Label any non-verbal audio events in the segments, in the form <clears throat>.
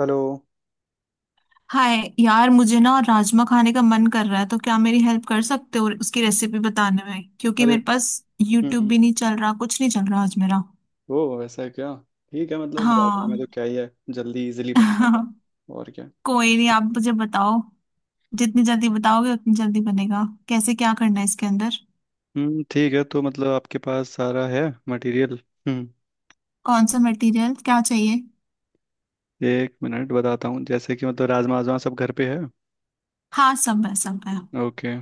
Hello. Hi यार, मुझे ना राजमा खाने का मन कर रहा है। तो क्या मेरी हेल्प कर सकते हो उसकी रेसिपी बताने में? क्योंकि अरे। मेरे पास यूट्यूब हम्म। भी नहीं चल रहा, कुछ नहीं चल रहा आज मेरा। ओ, ऐसा है क्या? ठीक है, मतलब राजमा हाँ। में तो क्या ही है, जल्दी इजीली बन <laughs> जाएगा और क्या। कोई नहीं, आप मुझे बताओ। जितनी जल्दी बताओगे उतनी जल्दी बनेगा। कैसे, क्या करना है इसके अंदर? हम्म, ठीक है, तो मतलब आपके पास सारा है मटेरियल? हम्म, कौन सा मटेरियल क्या चाहिए? एक मिनट बताता हूँ। जैसे कि मतलब राजमा वाजमा सब घर पे है? हाँ, सब है, सब है। ओके।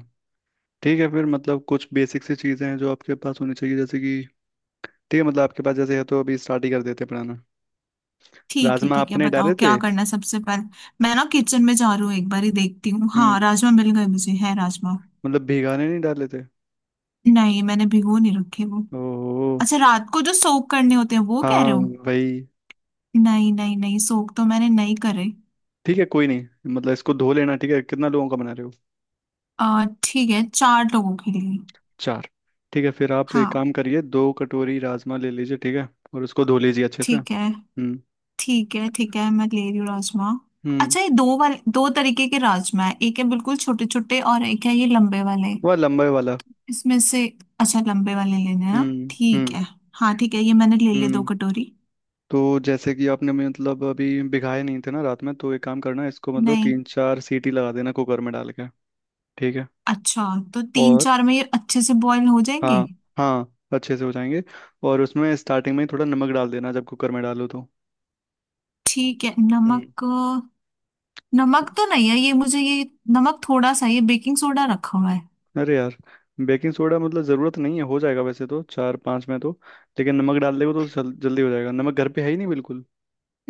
ठीक है, फिर मतलब कुछ बेसिक सी चीज़ें हैं जो आपके पास होनी चाहिए जैसे कि, ठीक है मतलब आपके पास जैसे है तो अभी स्टार्ट ही कर देते हैं बनाना। ठीक है, राजमा ठीक है, आपने बताओ डाले क्या थे? करना है सबसे पहले। मैं ना किचन में जा रही हूँ, एक बार ही देखती हूँ। हम्म, हाँ, राजमा मिल गए मुझे, है राजमा। मतलब भिगाने नहीं डाले थे? नहीं, मैंने भिगो नहीं रखे वो। ओहो। अच्छा, रात को जो सोक करने होते हैं वो कह हाँ। रहे हो? भाई। नहीं, नहीं, नहीं, सोक तो मैंने नहीं करे। ठीक है, कोई नहीं, मतलब इसको धो लेना। ठीक है, कितना लोगों का बना रहे हो? आ ठीक है, चार लोगों के लिए। चार? ठीक है, फिर आप एक हाँ। काम करिए, दो कटोरी राजमा ले लीजिए, ठीक है, और उसको धो लीजिए अच्छे से। ठीक है, हम्म। ठीक है, ठीक है, मैं ले रही हूँ राजमा। हम्म। अच्छा, ये दो वाले, दो तरीके के राजमा है। एक है बिल्कुल छोटे छोटे और एक है ये लंबे वाले। वह लंबे वाला। इसमें से। अच्छा, लंबे वाले लेने हैं ना। हम्म। ठीक हम्म। है। हाँ, ठीक है, ये मैंने ले लिए दो हम्म। कटोरी। तो जैसे कि आपने मतलब अभी भिगाए नहीं थे ना रात में, तो एक काम करना, इसको मतलब नहीं। तीन चार सीटी लगा देना कुकर में डाल के। ठीक है। अच्छा, तो तीन और चार में ये अच्छे से बॉईल हो जाएंगे। हाँ, हाँ अच्छे से हो जाएंगे। और उसमें स्टार्टिंग में ही थोड़ा नमक डाल देना जब कुकर में डालो तो। ठीक है, हम्म। नमक। नमक तो नहीं है ये, मुझे ये। नमक थोड़ा सा, ये बेकिंग सोडा रखा हुआ है। अरे यार, बेकिंग सोडा मतलब ज़रूरत नहीं है, हो जाएगा वैसे तो चार पाँच में तो। लेकिन नमक डाल देगा तो जल्दी हो जाएगा। नमक घर पे है ही नहीं बिल्कुल?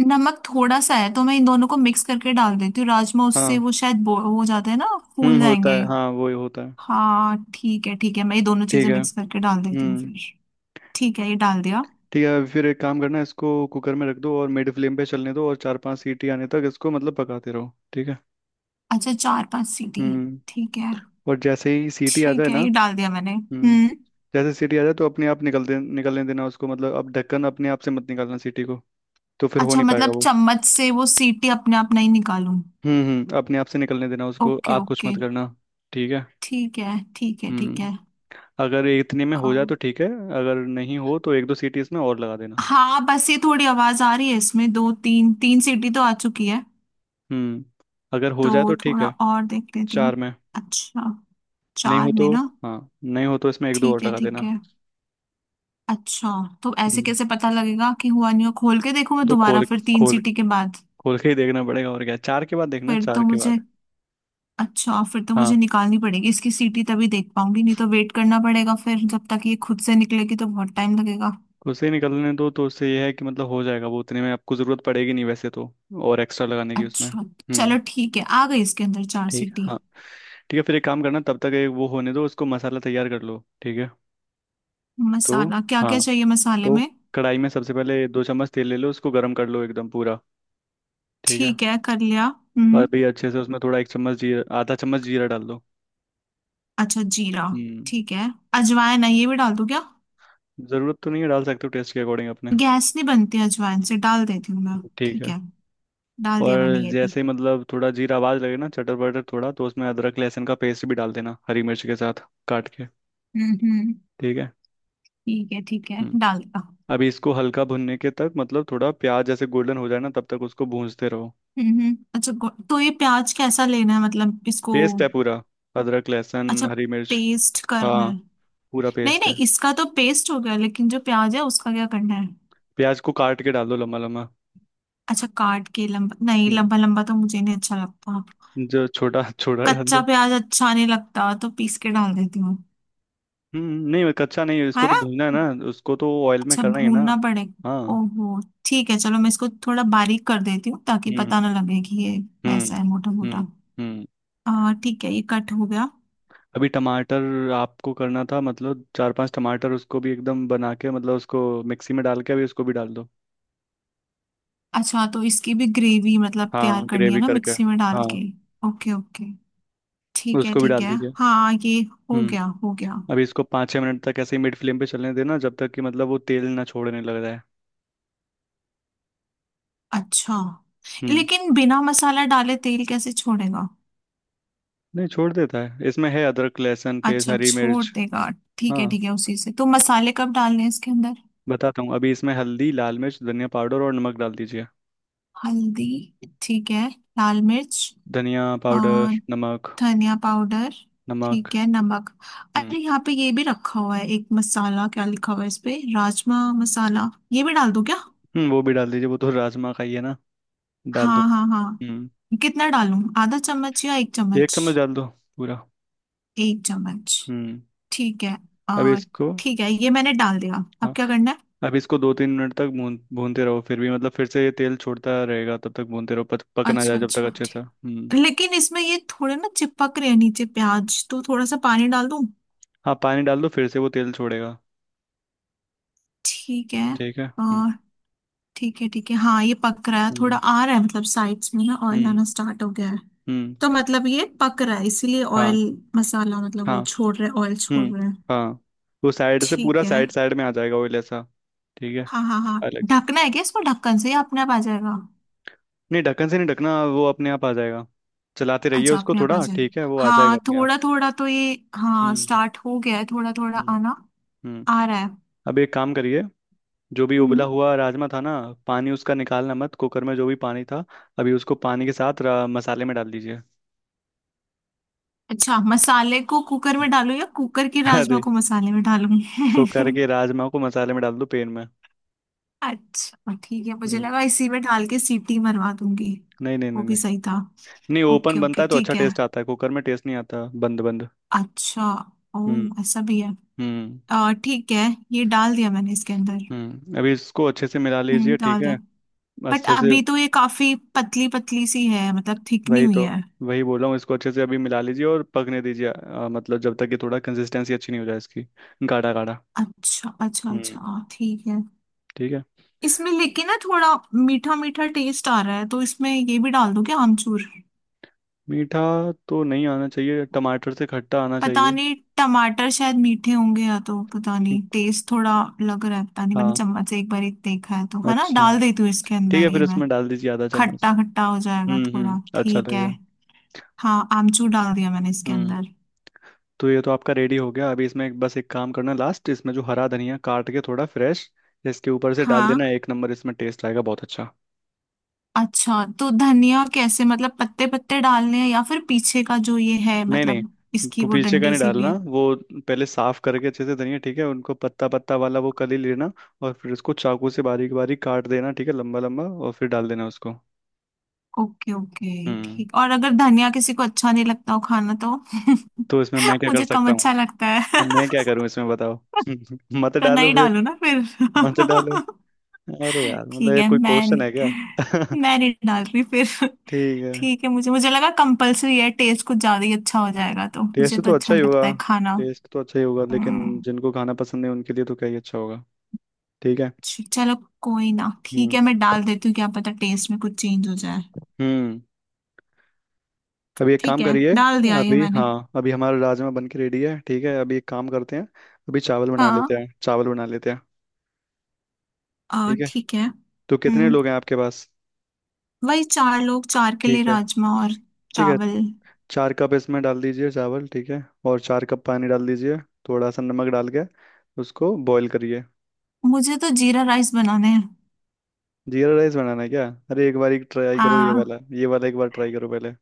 नमक थोड़ा सा है तो मैं इन दोनों को मिक्स करके डाल देती हूँ राजमा। उससे हाँ। वो शायद हो जाते हैं ना। फूल हम्म, होता जाएंगे। है, हाँ वो ही होता है। हाँ, ठीक है, ठीक है, मैं ये दोनों ठीक चीजें है। मिक्स करके डाल देती हूँ हम्म। फिर। ठीक है, ये डाल दिया। ठीक है, फिर एक काम करना, इसको कुकर में रख दो और मिड फ्लेम पे चलने दो और चार पांच सीटी आने तक इसको मतलब पकाते रहो, ठीक है। अच्छा, चार पांच सीटी। हम्म। ठीक है, और जैसे ही सीटी आ जाए ठीक ना। है, ये डाल दिया मैंने। हम्म। हम्म। जैसे सीटी आ जाए तो अपने आप निकल दे, निकलने देना उसको, मतलब अब ढक्कन अपने आप से मत निकालना सीटी को, तो फिर हो अच्छा, नहीं पाएगा मतलब वो। चम्मच से वो सीटी अपने आप नहीं निकालूं? हम्म, हम्म, अपने आप से निकलने देना उसको, ओके, आप कुछ ओके। मत करना। ठीक है। ठीक है, ठीक है, ठीक। हम्म। अगर इतने में हो जाए तो है। ठीक है, अगर नहीं हो तो एक दो सीटी इसमें और लगा देना। हाँ, बस ये थोड़ी आवाज आ रही है इसमें, दो तीन तीन सीटी तो आ चुकी है। हम्म, अगर हो जाए तो तो ठीक थोड़ा है। और देख लेती हूँ। चार में अच्छा, नहीं चार हो में तो, ना? हाँ नहीं हो तो इसमें एक दो ठीक और है, लगा ठीक देना। है। अच्छा, तो ऐसे हम्म। कैसे पता लगेगा कि हुआ नहीं हुआ? खोल के देखो मैं तो दोबारा, खोल, फिर तीन खोल, सीटी के बाद? खोल के ही देखना पड़ेगा और क्या, चार के बाद देखना, फिर तो चार के मुझे बाद। अच्छा, फिर तो मुझे हाँ। निकालनी पड़ेगी इसकी सीटी, तभी देख पाऊंगी, नहीं तो वेट करना पड़ेगा फिर जब तक ये खुद से निकलेगी, तो बहुत टाइम लगेगा। उसे निकलने दो, तो उससे यह है कि मतलब हो जाएगा वो उतने में, आपको ज़रूरत पड़ेगी नहीं वैसे तो और एक्स्ट्रा लगाने की उसमें। अच्छा। चलो, हम्म। ठीक है, आ गई इसके अंदर चार ठीक है, सीटी। हाँ। ठीक है, फिर एक काम करना, तब तक एक वो होने दो उसको, मसाला तैयार कर लो, ठीक है। तो मसाला क्या हाँ, क्या चाहिए मसाले तो में? कढ़ाई में सबसे पहले दो चम्मच तेल ले लो, उसको गर्म कर लो एकदम पूरा। ठीक है। ठीक है, कर लिया। और हम्म। भी अच्छे से उसमें थोड़ा एक चम्मच जीरा, आधा चम्मच जीरा डाल दो। अच्छा, जीरा। हम्म, ठीक है। अजवाइन है, ये भी डाल दूं क्या? ज़रूरत तो नहीं है, डाल सकते हो टेस्ट के अकॉर्डिंग अपने। गैस नहीं बनती अजवाइन से, डाल देती हूँ मैं। ठीक ठीक है। है। डाल दिया मैंने और ये भी। जैसे ही मतलब थोड़ा जीरा आवाज लगे ना चटर बटर थोड़ा, तो उसमें अदरक लहसुन का पेस्ट भी डाल देना हरी मिर्च के साथ काट के। हम्म, हम्म। ठीक है। ठीक है, ठीक है, हम्म। डाल दिया। अभी इसको हल्का भुनने के तक मतलब थोड़ा प्याज जैसे गोल्डन हो जाए ना तब तक उसको भूनते रहो। हम्म, हम्म। अच्छा, तो ये प्याज कैसा लेना है, मतलब इसको। पेस्ट है पूरा। अदरक लहसुन अच्छा, हरी मिर्च। पेस्ट हाँ, करना है। पूरा नहीं, पेस्ट है। नहीं, इसका तो पेस्ट हो गया, लेकिन जो प्याज है उसका क्या करना है? प्याज को काट के डाल दो लम्बा लम्बा। अच्छा, काट के लंबा, नहीं, हम्म, लंबा लंबा तो मुझे नहीं अच्छा लगता। जो छोटा छोटा डाल कच्चा दो। प्याज अच्छा नहीं लगता, तो पीस के डाल देती हूँ। नहीं, कच्चा नहीं है, है इसको ना? तो भूनना है ना, उसको तो ऑयल में अच्छा, करना ही है ना। भूनना पड़ेगा। हाँ। ओहो। ठीक है, चलो, मैं इसको थोड़ा बारीक कर देती हूँ ताकि हम्म। पता ना लगे कि ये हम्म। वैसा है मोटा हम्म। मोटा। हम्म। आ ठीक है, ये कट हो गया। अभी टमाटर आपको करना था, मतलब चार पांच टमाटर उसको भी एकदम बना के मतलब उसको मिक्सी में डाल के अभी उसको भी डाल दो। अच्छा, तो इसकी भी ग्रेवी मतलब तैयार हाँ, करनी है ग्रेवी ना करके। मिक्सी में डाल हाँ, के? ओके, ओके, ठीक है, उसको भी ठीक डाल है, दीजिए। हाँ, ये। हो हम्म। गया, हो गया। अभी इसको पाँच छः मिनट तक ऐसे ही मिड फ्लेम पे चलने देना जब तक कि मतलब वो तेल ना छोड़ने लग रहा है। अच्छा, हम्म, लेकिन बिना मसाला डाले तेल कैसे छोड़ेगा? नहीं छोड़ देता है, इसमें है अदरक लहसुन पेस्ट अच्छा, हरी छोड़ मिर्च। देगा। ठीक हाँ, है, ठीक है, उसी से। तो मसाले कब डालने हैं इसके अंदर? बताता हूँ। अभी इसमें हल्दी, लाल मिर्च, धनिया पाउडर और नमक डाल दीजिए। हल्दी। ठीक है। लाल मिर्च। धनिया और? पाउडर, नमक। धनिया पाउडर। नमक। ठीक है, नमक। हम्म। अरे, यहाँ पे ये भी रखा हुआ है एक मसाला, क्या लिखा हुआ है इस पे, राजमा मसाला। ये भी डाल दूं क्या? हम्म, वो भी डाल दीजिए, वो तो राजमा का ही है ना। डाल दो। हाँ, हाँ, हम्म, हाँ, कितना डालूं, आधा चम्मच या एक एक चम्मच? चम्मच डाल दो पूरा। एक चम्मच। हम्म। ठीक है। अभी आ, इसको, ठीक है, ये मैंने डाल दिया। हाँ अब क्या करना है? अब इसको दो तीन मिनट तक भून भूनते रहो, फिर भी मतलब फिर से ये तेल छोड़ता रहेगा, तब तक भूनते रहो पक पक ना जाए अच्छा, जब तक अच्छा, अच्छे से। ठीक। हम्म। लेकिन इसमें ये थोड़े ना चिपक रहे हैं नीचे प्याज, तो थोड़ा सा पानी डाल दूं? हाँ, पानी डाल दो, फिर से वो तेल छोड़ेगा। ठीक है। ठीक है। हम्म। आ, ठीक है, ठीक है, हाँ, ये पक रहा है, थोड़ा हम्म। आ रहा है, मतलब साइड्स में ना ऑयल हम्म। आना स्टार्ट हो गया है। हम्म, तो मतलब ये पक रहा है इसीलिए हाँ ऑयल, मसाला मतलब हाँ। वो छोड़ रहे, ऑयल छोड़ हम्म। रहे हैं। हाँ वो साइड से पूरा ठीक है, साइड साइड में आ जाएगा ऑयल ऐसा। ठीक है। हाँ, हाँ, हाँ। अलग से। ढकना है क्या इसको ढक्कन से, या अपने आप आ जाएगा? नहीं, ढक्कन से नहीं ढकना, वो अपने आप आ जाएगा। चलाते रहिए अच्छा, उसको अपने आप आ थोड़ा, ठीक है, जाएगा। वो आ जाएगा हाँ, अपने आप। थोड़ा थोड़ा तो ये, हाँ, हम्म। स्टार्ट हो गया है थोड़ा थोड़ा हम्म। आना। हम्म। आ रहा है। अब एक काम करिए, जो भी उबला हम्म। हुआ राजमा था ना, पानी उसका निकालना मत, कुकर में जो भी पानी था अभी उसको पानी के साथ मसाले में डाल दीजिए। अच्छा, मसाले को कुकर में डालूं या कुकर के <laughs> राजमा अरे, को मसाले में डालूं? कुकर <laughs> के राजमा को मसाले में डाल दो, पेन में। अच्छा, ठीक है, मुझे हम्म। लगा इसी में डाल के सीटी मरवा दूंगी। नहीं नहीं वो नहीं भी नहीं। सही था। नहीं, ओके, ओपन ओके, बनता है तो अच्छा ठीक है। टेस्ट आता है, कुकर में टेस्ट नहीं आता बंद बंद। अच्छा। हम्म। ओह, ऐसा भी है। हम्म। ठीक है, ये डाल दिया मैंने इसके अंदर। हम्म, अभी इसको अच्छे से मिला हम्म, लीजिए, ठीक डाल दिया। है। बट अच्छे से, अभी तो ये काफी पतली पतली सी है, मतलब थिक नहीं वही हुई तो, है। वही बोल रहा हूँ, इसको अच्छे से अभी मिला लीजिए और पकने दीजिए, मतलब जब तक कि थोड़ा कंसिस्टेंसी अच्छी नहीं हो जाए इसकी, गाढ़ा गाढ़ा। अच्छा, अच्छा, हम्म। अच्छा, ठीक है। ठीक है। इसमें लेकिन ना थोड़ा मीठा मीठा टेस्ट आ रहा है, तो इसमें ये भी डाल दूं क्या, आमचूर? मीठा तो नहीं आना चाहिए, टमाटर से खट्टा आना पता चाहिए। नहीं टमाटर शायद मीठे होंगे, या तो पता हम्म, नहीं, टेस्ट थोड़ा लग रहा है। पता नहीं, मैंने हाँ। चम्मच से एक बार ही देखा है तो, है ना, अच्छा, डाल देती हूँ इसके ठीक है, अंदर ये फिर मैं। इसमें डाल दीजिए आधा चम्मच। खट्टा खट्टा हो जाएगा थोड़ा, हम्म, अच्छा ठीक है। लगेगा। हाँ, आमचूर डाल दिया मैंने इसके हम्म। अंदर। तो ये तो आपका रेडी हो गया, अभी इसमें बस एक काम करना लास्ट, इसमें जो हरा धनिया काट के थोड़ा फ्रेश इसके ऊपर से डाल हाँ। देना, एक नंबर इसमें टेस्ट आएगा बहुत अच्छा। अच्छा, तो धनिया कैसे, मतलब पत्ते पत्ते डालने हैं या फिर पीछे का जो ये है, नहीं नहीं, मतलब इसकी वो पीछे का डंडी नहीं सी भी डालना है? वो। पहले साफ करके अच्छे से धनिया, ठीक है, उनको पत्ता पत्ता वाला वो कली लेना और फिर उसको चाकू से बारीक बारीक काट देना, ठीक है, लंबा लंबा, और फिर डाल देना उसको। ओके, ओके, हम्म। ठीक। और अगर धनिया किसी को अच्छा नहीं लगता हो खाना तो? तो इसमें <laughs> मैं क्या कर मुझे कम सकता हूँ? अच्छा लगता तो है। मैं क्या करूँ इसमें बताओ? <laughs> मत तो डालो नहीं फिर। डालो ना फिर। मत <laughs> डालो। अरे यार, मतलब ठीक ये है, कोई क्वेश्चन है क्या? <laughs> मैं नहीं डाल रही फिर। ठीक है। ठीक है, मुझे मुझे लगा कंपलसरी है, टेस्ट कुछ ज्यादा ही अच्छा हो जाएगा तो। मुझे टेस्ट तो तो अच्छा अच्छा ही नहीं होगा, लगता है खाना। टेस्ट तो अच्छा ही होगा लेकिन हम्म। जिनको खाना पसंद है उनके लिए तो क्या ही अच्छा होगा। ठीक है। चलो। कोई ना, ठीक हम्म। है, मैं डाल देती हूँ, क्या पता टेस्ट में कुछ चेंज हो जाए। हम्म। अभी एक ठीक काम है, करिए, डाल दिया ये अभी मैंने। हाँ अभी हमारा राजमा बन के रेडी है, ठीक है, अभी एक काम करते हैं, अभी चावल बना लेते हाँ। हैं, चावल बना लेते हैं। और, ठीक है। ठीक है, तो कितने हम्म। लोग हैं आपके पास? वही चार लोग, चार के लिए ठीक है। राजमा और ठीक है। चावल। चार कप इसमें डाल दीजिए चावल, ठीक है, और चार कप पानी डाल दीजिए, थोड़ा सा नमक डाल के उसको बॉईल करिए। मुझे तो जीरा राइस बनाने हैं। जीरा राइस बनाना है क्या? अरे एक बार एक ट्राई करो ये हाँ, वाला, ये वाला एक बार ट्राई करो पहले,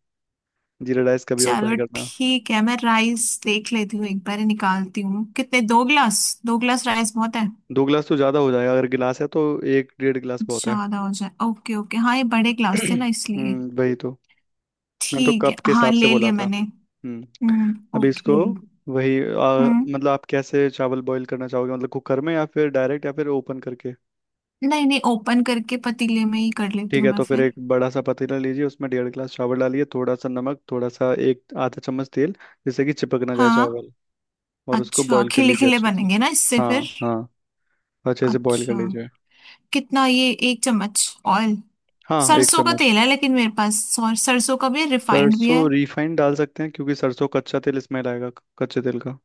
जीरा राइस कभी और ट्राई चलो, करना। ठीक है, मैं राइस देख लेती हूँ, एक बार ही निकालती हूँ। कितने? दो ग्लास, दो ग्लास राइस बहुत है। दो गिलास तो ज़्यादा हो जाएगा, अगर गिलास है तो एक 1.5 गिलास बहुत है। ज्यादा हो जाए? ओके, ओके, हाँ, ये बड़े ग्लास थे ना <clears throat> इसलिए। हम्म, वही तो, मैंने तो ठीक है, कप के हाँ, हिसाब से ले बोला लिया था। मैंने। हम्म। हम्म, अभी इसको, ओके। वही हम्म, मतलब आप कैसे चावल बॉईल करना चाहोगे, मतलब कुकर में या फिर डायरेक्ट या फिर ओपन करके? नहीं, नहीं, ओपन करके पतीले में ही कर लेती ठीक हूँ है, मैं तो फिर फिर। एक बड़ा सा पतीला लीजिए, उसमें 1.5 गिलास चावल डालिए, थोड़ा सा नमक, थोड़ा सा एक आधा चम्मच तेल जिससे कि चिपक ना जाए हाँ, चावल, और उसको अच्छा, बॉईल कर खिले लीजिए खिले अच्छे से। बनेंगे ना इससे हाँ, फिर? हाँ, अच्छे से बॉईल कर अच्छा, लीजिए। कितना ये, एक चम्मच? ऑयल? हाँ एक सरसों का चम्मच। तेल है लेकिन मेरे पास, और सरसों का भी है, रिफाइंड भी सरसों है। रिफाइंड डाल सकते हैं, क्योंकि सरसों कच्चा तेल इसमें रहेगा, कच्चे तेल का।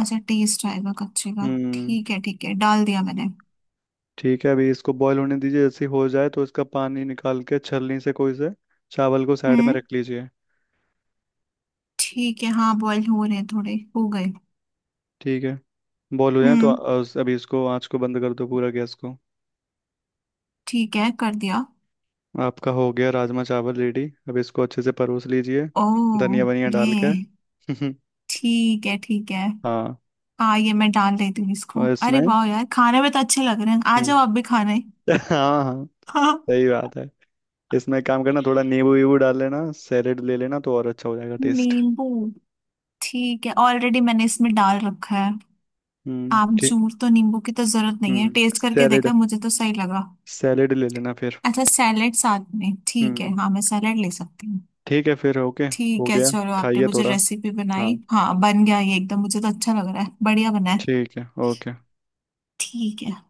अच्छा, टेस्ट आएगा कच्चे का? हम्म। ठीक है, ठीक है, डाल दिया मैंने। ठीक है, अभी इसको बॉईल होने दीजिए, जैसे ही हो जाए तो इसका पानी निकाल के छलनी से कोई से, चावल को साइड में हम्म। रख लीजिए। ठीक है, हाँ, बॉईल हो रहे हैं, थोड़े हो गए। ठीक है। बॉईल हो जाए तो हम्म। अभी इसको आँच को बंद कर दो पूरा, गैस को। ठीक है, कर दिया। आपका हो गया राजमा चावल रेडी, अब इसको अच्छे से परोस लीजिए, ओ। धनिया वनिया ये। डाल के। <laughs> ठीक है, ठीक है, हाँ, हाँ, ये मैं डाल देती हूँ इसको। और अरे इसमें। वाह यार, खाने में तो अच्छे लग रहे हैं, आ जाओ आप भी हम्म। खाने। <laughs> हाँ हाँ, हाँ। सही बात है। इसमें एक काम करना, थोड़ा नींबू वीबू डाल लेना, सैलेड ले लेना तो और अच्छा हो जाएगा <laughs> टेस्ट। नींबू। ठीक है, ऑलरेडी मैंने इसमें डाल रखा है। ठीक। आमचूर तो, नींबू की तो जरूरत नहीं है, हम्म, टेस्ट करके सैलेड, देखा, मुझे तो सही लगा। सैलेड ले लेना फिर। अच्छा, सैलेड साथ में, ठीक है, हम्म, हाँ, मैं सैलेड ले सकती हूँ। ठीक है फिर, ओके। हो ठीक है, गया, चलो, आपने खाइए मुझे थोड़ा, रेसिपी हाँ, बनाई। हाँ, बन गया ये एकदम, मुझे तो अच्छा लग रहा है, बढ़िया बना है। ठीक है, ओके। ठीक है।